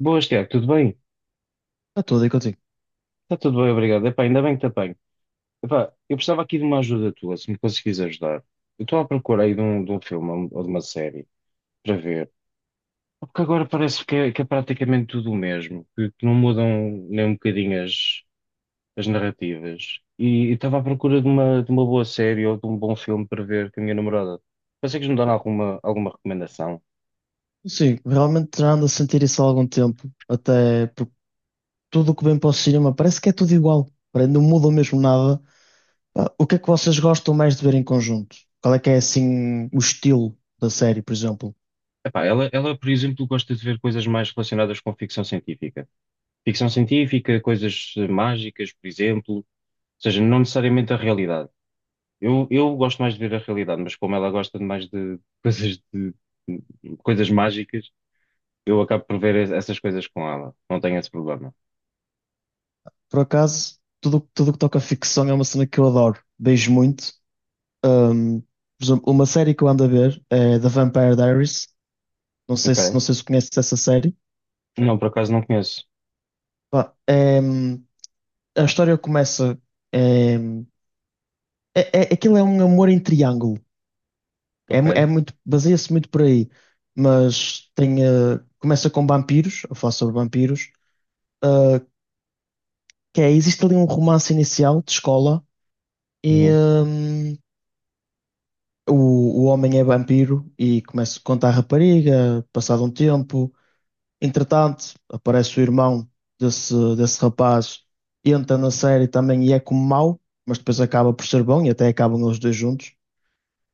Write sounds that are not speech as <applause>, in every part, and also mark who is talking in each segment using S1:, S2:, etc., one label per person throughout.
S1: Boas, Tiago, tudo bem?
S2: Está tudo aí contigo.
S1: Está tudo bem, obrigado. Epá, ainda bem que te apanho. Epá, eu precisava aqui de uma ajuda tua, se me conseguires ajudar. Eu estou à procura aí de um filme ou de uma série para ver. Porque agora parece que é praticamente tudo o mesmo, que não mudam nem um bocadinho as narrativas. E estava à procura de uma boa série ou de um bom filme para ver com a minha namorada. Consegues me dar alguma recomendação?
S2: Sim, realmente já ando a sentir isso há algum tempo. Até porque tudo o que vem para o cinema parece que é tudo igual. Parece que não muda mesmo nada. Pá, o que é que vocês gostam mais de ver em conjunto? Qual é que é assim o estilo da série, por exemplo?
S1: Epá, ela, por exemplo, gosta de ver coisas mais relacionadas com ficção científica. Ficção científica, coisas mágicas, por exemplo, ou seja, não necessariamente a realidade. Eu gosto mais de ver a realidade, mas como ela gosta de mais de <laughs> de coisas mágicas, eu acabo por ver essas coisas com ela. Não tenho esse problema.
S2: Por acaso, tudo o que toca a ficção é uma cena que eu adoro. Beijo muito. Ahm, por exemplo, uma série que eu ando a ver é The Vampire Diaries. Não
S1: Ok?
S2: sei se conheces essa série.
S1: Não, por acaso não conheço.
S2: Pá, a história começa. é, hum, aquilo é um amor em triângulo.
S1: Ok?
S2: É muito, baseia-se muito por aí. Mas tem, começa com vampiros, a falar sobre vampiros, eh, existe ali um romance inicial de escola e
S1: Uhum.
S2: o homem é vampiro e começa a contar a rapariga, passado um tempo. Entretanto, aparece o irmão desse rapaz, entra na série também e é como mau, mas depois acaba por ser bom e até acabam os dois juntos.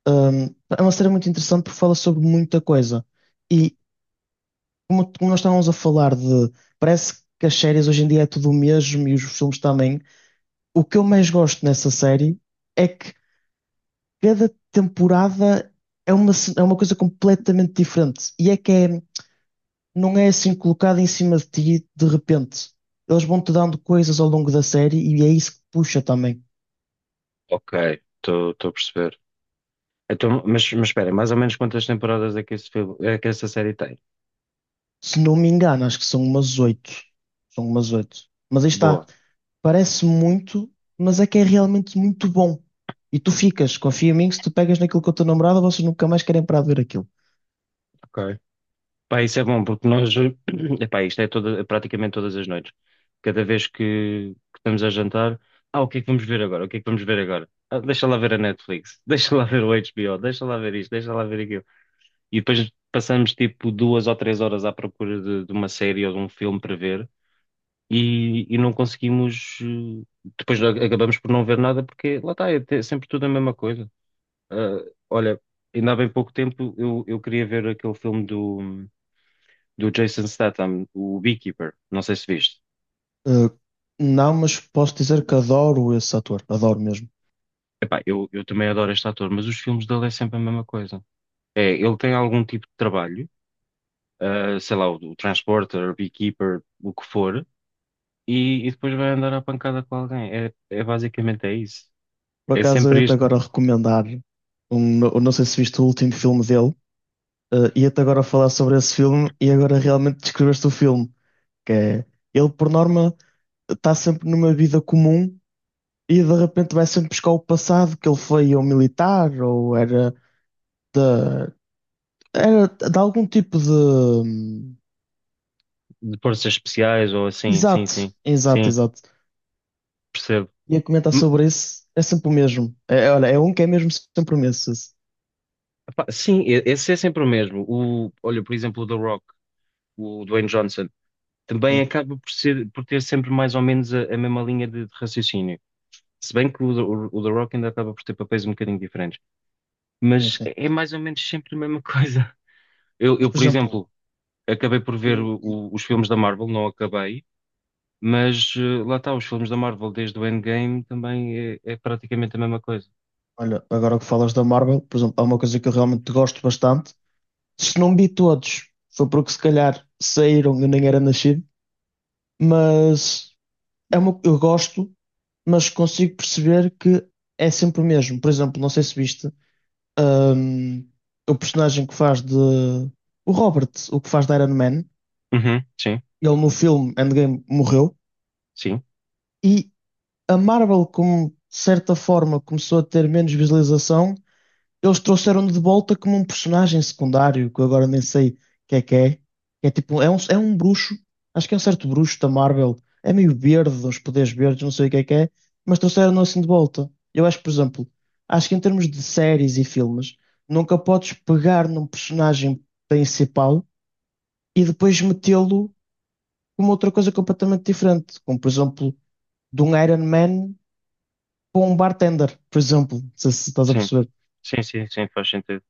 S2: Um, É uma série muito interessante porque fala sobre muita coisa. E como nós estávamos a falar de, parece que as séries hoje em dia é tudo o mesmo e os filmes também. O que eu mais gosto nessa série é que cada temporada é é uma coisa completamente diferente. Não é assim colocada em cima de ti de repente. Eles vão-te dando coisas ao longo da série e é isso que puxa também.
S1: Ok, estou a perceber. Então, mas espera, mais ou menos quantas temporadas é que esse filme, é que essa série tem?
S2: Se não me engano, acho que são umas oito. São umas oito. Mas aí está.
S1: Boa.
S2: Parece muito, mas é que é realmente muito bom. E tu ficas, confia em mim, que se tu pegas naquilo com a tua namorada, vocês nunca mais querem parar de ver aquilo.
S1: Ok. Pá, isso é bom, porque nós, <clears throat> epá, isto é toda, praticamente todas as noites. Cada vez que estamos a jantar, ah, o que é que vamos ver agora? O que é que vamos ver agora? Ah, deixa lá ver a Netflix, <laughs> deixa lá ver o HBO, deixa lá ver isto, deixa lá ver aquilo. E depois passamos tipo duas ou três horas à procura de uma série ou de um filme para ver e não conseguimos, depois acabamos por não ver nada porque lá está, é sempre tudo a mesma coisa. Ah, olha, ainda há bem pouco tempo eu queria ver aquele filme do Jason Statham, o Beekeeper, não sei se viste.
S2: Uh, não, mas posso dizer que adoro esse ator, adoro mesmo.
S1: Epá, eu também adoro este ator, mas os filmes dele é sempre a mesma coisa. É, ele tem algum tipo de trabalho, ah, sei lá, o Transporter, o Beekeeper, o que for, e depois vai andar à pancada com alguém. É, é basicamente é isso.
S2: Por
S1: É
S2: acaso eu
S1: sempre
S2: ia-te
S1: isto
S2: agora recomendar, não sei se viste o último filme dele, ia-te agora falar sobre esse filme e agora realmente descreveste o filme, que é, ele por norma está sempre numa vida comum e de repente vai sempre buscar o passado, que ele foi ou militar ou era era de algum tipo de.
S1: de forças especiais ou assim, sim,
S2: Exato,
S1: sim, sim,
S2: exato.
S1: percebo.
S2: Ia comentar
S1: M-
S2: sobre isso, é sempre o mesmo. Olha, é um que é mesmo sempre o mesmo esse.
S1: Epá, sim, esse é sempre o mesmo. Olha, por exemplo, o The Rock, o Dwayne Johnson, também
S2: É,
S1: acaba por ser, por ter sempre mais ou menos a mesma linha de raciocínio. Se bem que o The Rock ainda acaba por ter papéis um bocadinho diferentes, mas
S2: sim.
S1: é mais ou menos sempre a mesma <laughs> coisa.
S2: Mas, por
S1: Por
S2: exemplo,
S1: exemplo, acabei por ver
S2: o-
S1: os filmes da Marvel, não acabei, mas lá está, os filmes da Marvel desde o Endgame também é praticamente a mesma coisa.
S2: olha, agora que falas da Marvel, por exemplo, há uma coisa que eu realmente gosto bastante. Se não vi todos, foi porque se calhar saíram e eu nem era nascido, mas é uma, eu gosto, mas consigo perceber que é sempre o mesmo. Por exemplo, não sei se viste. Um, o personagem que faz de. O Robert, o que faz de Iron Man,
S1: Uhum, sim,
S2: ele no filme Endgame morreu.
S1: sim,
S2: E a Marvel, como de certa forma, começou a ter menos visualização. Eles trouxeram-no de volta como um personagem secundário, que eu agora nem sei que é que é. Que É tipo, é é um bruxo, acho que é um certo bruxo da Marvel. É meio verde, uns poderes verdes, não sei o que é, mas trouxeram-no assim de volta. Eu acho, que, por exemplo, acho que em termos de séries e filmes, nunca podes pegar num personagem principal e depois metê-lo como outra coisa completamente diferente. Como, por exemplo, de um Iron Man para um bartender, por exemplo. Não sei se estás a
S1: sim,
S2: perceber.
S1: sim, sim, sim, faz sentido.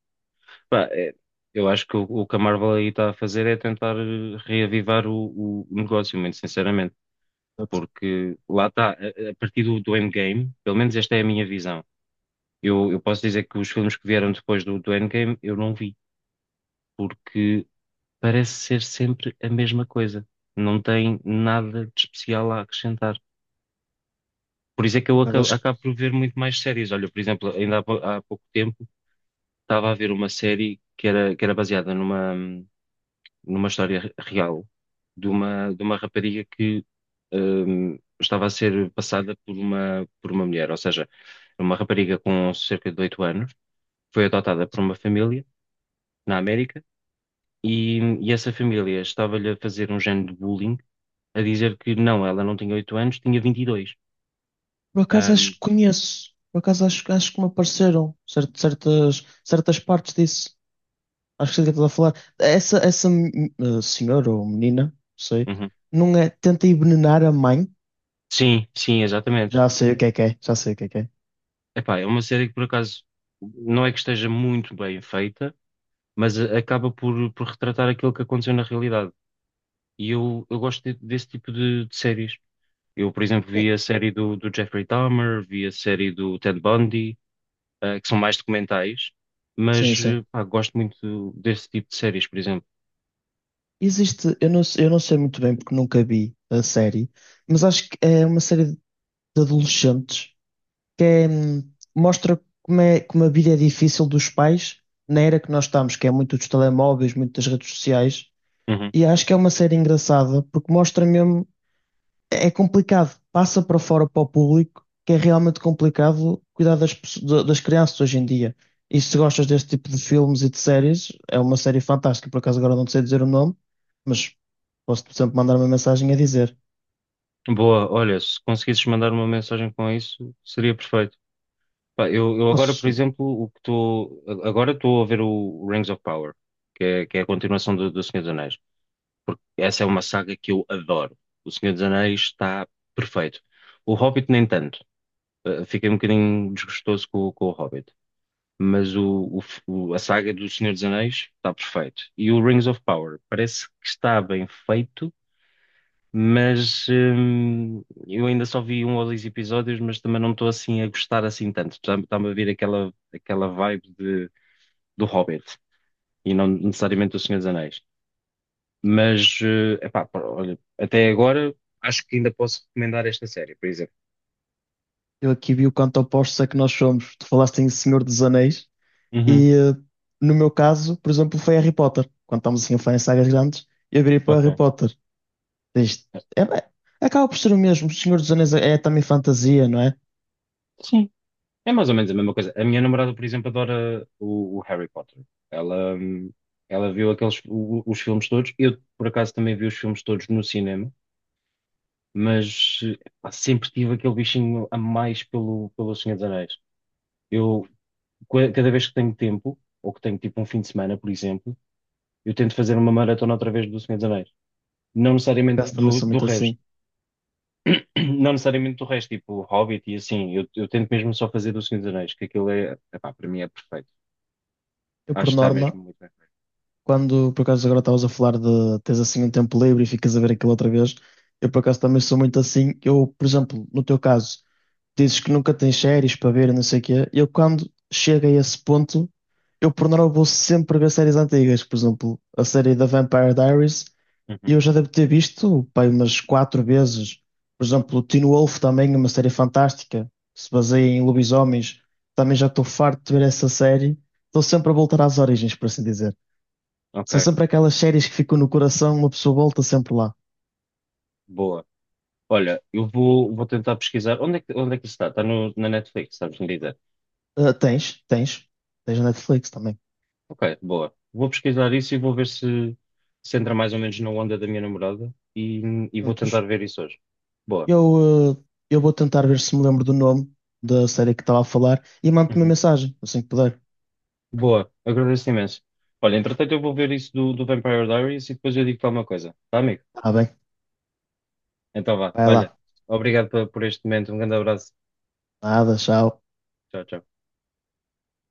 S1: Pá, é, eu acho que o que a Marvel aí está a fazer é tentar reavivar o negócio, muito sinceramente,
S2: Portanto,
S1: porque lá está, a partir do Endgame, pelo menos esta é a minha visão. Eu posso dizer que os filmes que vieram depois do Endgame eu não vi, porque parece ser sempre a mesma coisa. Não tem nada de especial a acrescentar. Por isso é que eu
S2: por acaso, acho que
S1: acabo por ver muito mais séries. Olha, por exemplo, ainda há pouco tempo estava a ver uma série que era baseada numa história real de uma rapariga que estava a ser passada por uma mulher. Ou seja, uma rapariga com cerca de 8 anos, foi adotada por uma
S2: sim.
S1: família na América. E essa família estava-lhe a fazer um género de bullying, a dizer que não, ela não tinha 8 anos, tinha 22.
S2: Por acaso acho
S1: Ahm,
S2: que conheço. Por acaso acho que me apareceram certas partes disso. Acho que sei do que estás a falar. Essa senhora ou menina, não sei,
S1: uhum.
S2: não é, tenta envenenar a mãe.
S1: Sim, sim, exatamente.
S2: Já sei o que é, já sei o que é que é.
S1: Epá, é uma série que por acaso não é que esteja muito bem feita, mas acaba por retratar aquilo que aconteceu na realidade. E eu gosto desse tipo de séries. Eu, por exemplo, vi a série do Jeffrey Dahmer, vi a série do Ted Bundy, ah, que são mais documentais,
S2: Sim,
S1: mas
S2: sim.
S1: eh, pá, gosto muito desse tipo de séries, por exemplo.
S2: Existe, eu não sei muito bem porque nunca vi a série, mas acho que é uma série de adolescentes que é, mostra como é, como a vida é difícil dos pais na era que nós estamos, que é muito dos telemóveis, muito das redes sociais.
S1: Uhum.
S2: E acho que é uma série engraçada porque mostra mesmo. É é complicado, passa para fora para o público que é realmente complicado cuidar das crianças hoje em dia. E se gostas deste tipo de filmes e de séries, é uma série fantástica. Por acaso agora não te sei dizer o nome, mas posso, por exemplo, mandar uma mensagem a dizer:
S1: Boa, olha, se conseguisses mandar uma mensagem com isso, seria perfeito. Pá, eu agora, por
S2: posso,
S1: exemplo, o que estou. Agora estou a ver o Rings of Power, que é a continuação do Senhor dos Anéis, porque essa é uma saga que eu adoro. O Senhor dos Anéis está perfeito. O Hobbit, nem tanto. Eh, fiquei um bocadinho desgostoso com o Hobbit. Mas a saga do Senhor dos Anéis está perfeito. E o Rings of Power parece que está bem feito, mas eu ainda só vi um ou dois episódios, mas também não estou assim a gostar assim tanto. Está-me a vir aquela vibe do Hobbit e não necessariamente do Senhor dos Anéis. Mas, eh, epá, pá, olha, até agora acho que ainda posso recomendar esta série, por exemplo.
S2: eu aqui vi o quanto opostos é que nós somos. Tu falaste em Senhor dos Anéis,
S1: Uhum,
S2: e no meu caso, por exemplo, foi Harry Potter. Quando estamos assim a falar em sagas grandes, eu virei para o Harry
S1: ok.
S2: Potter. Diz, é, bem, acaba por ser o mesmo. O Senhor dos Anéis é, é também fantasia, não é? Por
S1: Sim, é mais ou menos a mesma coisa. A minha namorada, por exemplo, adora o Harry Potter. Ela, ela viu aqueles, os filmes todos. Eu, por acaso, também vi os filmes todos no cinema. Mas eh, pá, sempre tive aquele bichinho a mais pelo, pelo Senhor dos Anéis. Eu, cada vez que tenho tempo, ou que tenho tipo um fim de semana, por exemplo, eu tento fazer uma maratona outra vez do Senhor dos Anéis. Não necessariamente
S2: acaso também sou
S1: do
S2: muito
S1: resto.
S2: assim.
S1: <clears throat> Não necessariamente do resto, tipo Hobbit e assim. Eu tento mesmo só fazer do Senhor dos Anéis, que aquilo é, epá, para mim é perfeito.
S2: Eu,
S1: Acho
S2: por
S1: que está
S2: norma,
S1: mesmo muito bem
S2: quando por acaso agora estavas a falar de tens assim um tempo livre e ficas a ver aquilo outra vez, eu por acaso também sou muito assim. Eu, por exemplo, no teu caso, dizes que nunca tens séries para ver e não sei o quê. Eu, quando chego a esse ponto, eu por norma vou sempre ver séries antigas. Por exemplo, a série da Vampire Diaries.
S1: feito. Uhum.
S2: Eu já devo ter visto, pai, umas quatro vezes. Por exemplo, o Teen Wolf também, uma série fantástica, que se baseia em lobisomens. Também já estou farto de ver essa série. Estou sempre a voltar às origens, por assim dizer. São
S1: Ok,
S2: sempre aquelas séries que ficam no coração, uma pessoa volta sempre lá.
S1: boa. Olha, vou tentar pesquisar. Onde é onde é que isso está? Está no, na Netflix, sabes me dizer?
S2: Ah, tens, tens. Tens na Netflix também.
S1: Ok, boa. Vou pesquisar isso e vou ver se entra mais ou menos na onda da minha namorada e vou tentar
S2: Juntos.
S1: ver isso hoje. Boa.
S2: Eu, ah, eu vou tentar ver se me lembro do nome da série que estava a falar e mando-te uma
S1: Uhum.
S2: mensagem, assim que puder.
S1: Boa, agradeço imenso. Olha, entretanto eu vou ver isso do Vampire Diaries e depois eu digo-te alguma coisa, tá, amigo?
S2: Está bem?
S1: Então vá,
S2: Vai
S1: olha,
S2: lá.
S1: obrigado por este momento, um grande abraço.
S2: Nada, tchau.
S1: Tchau, tchau.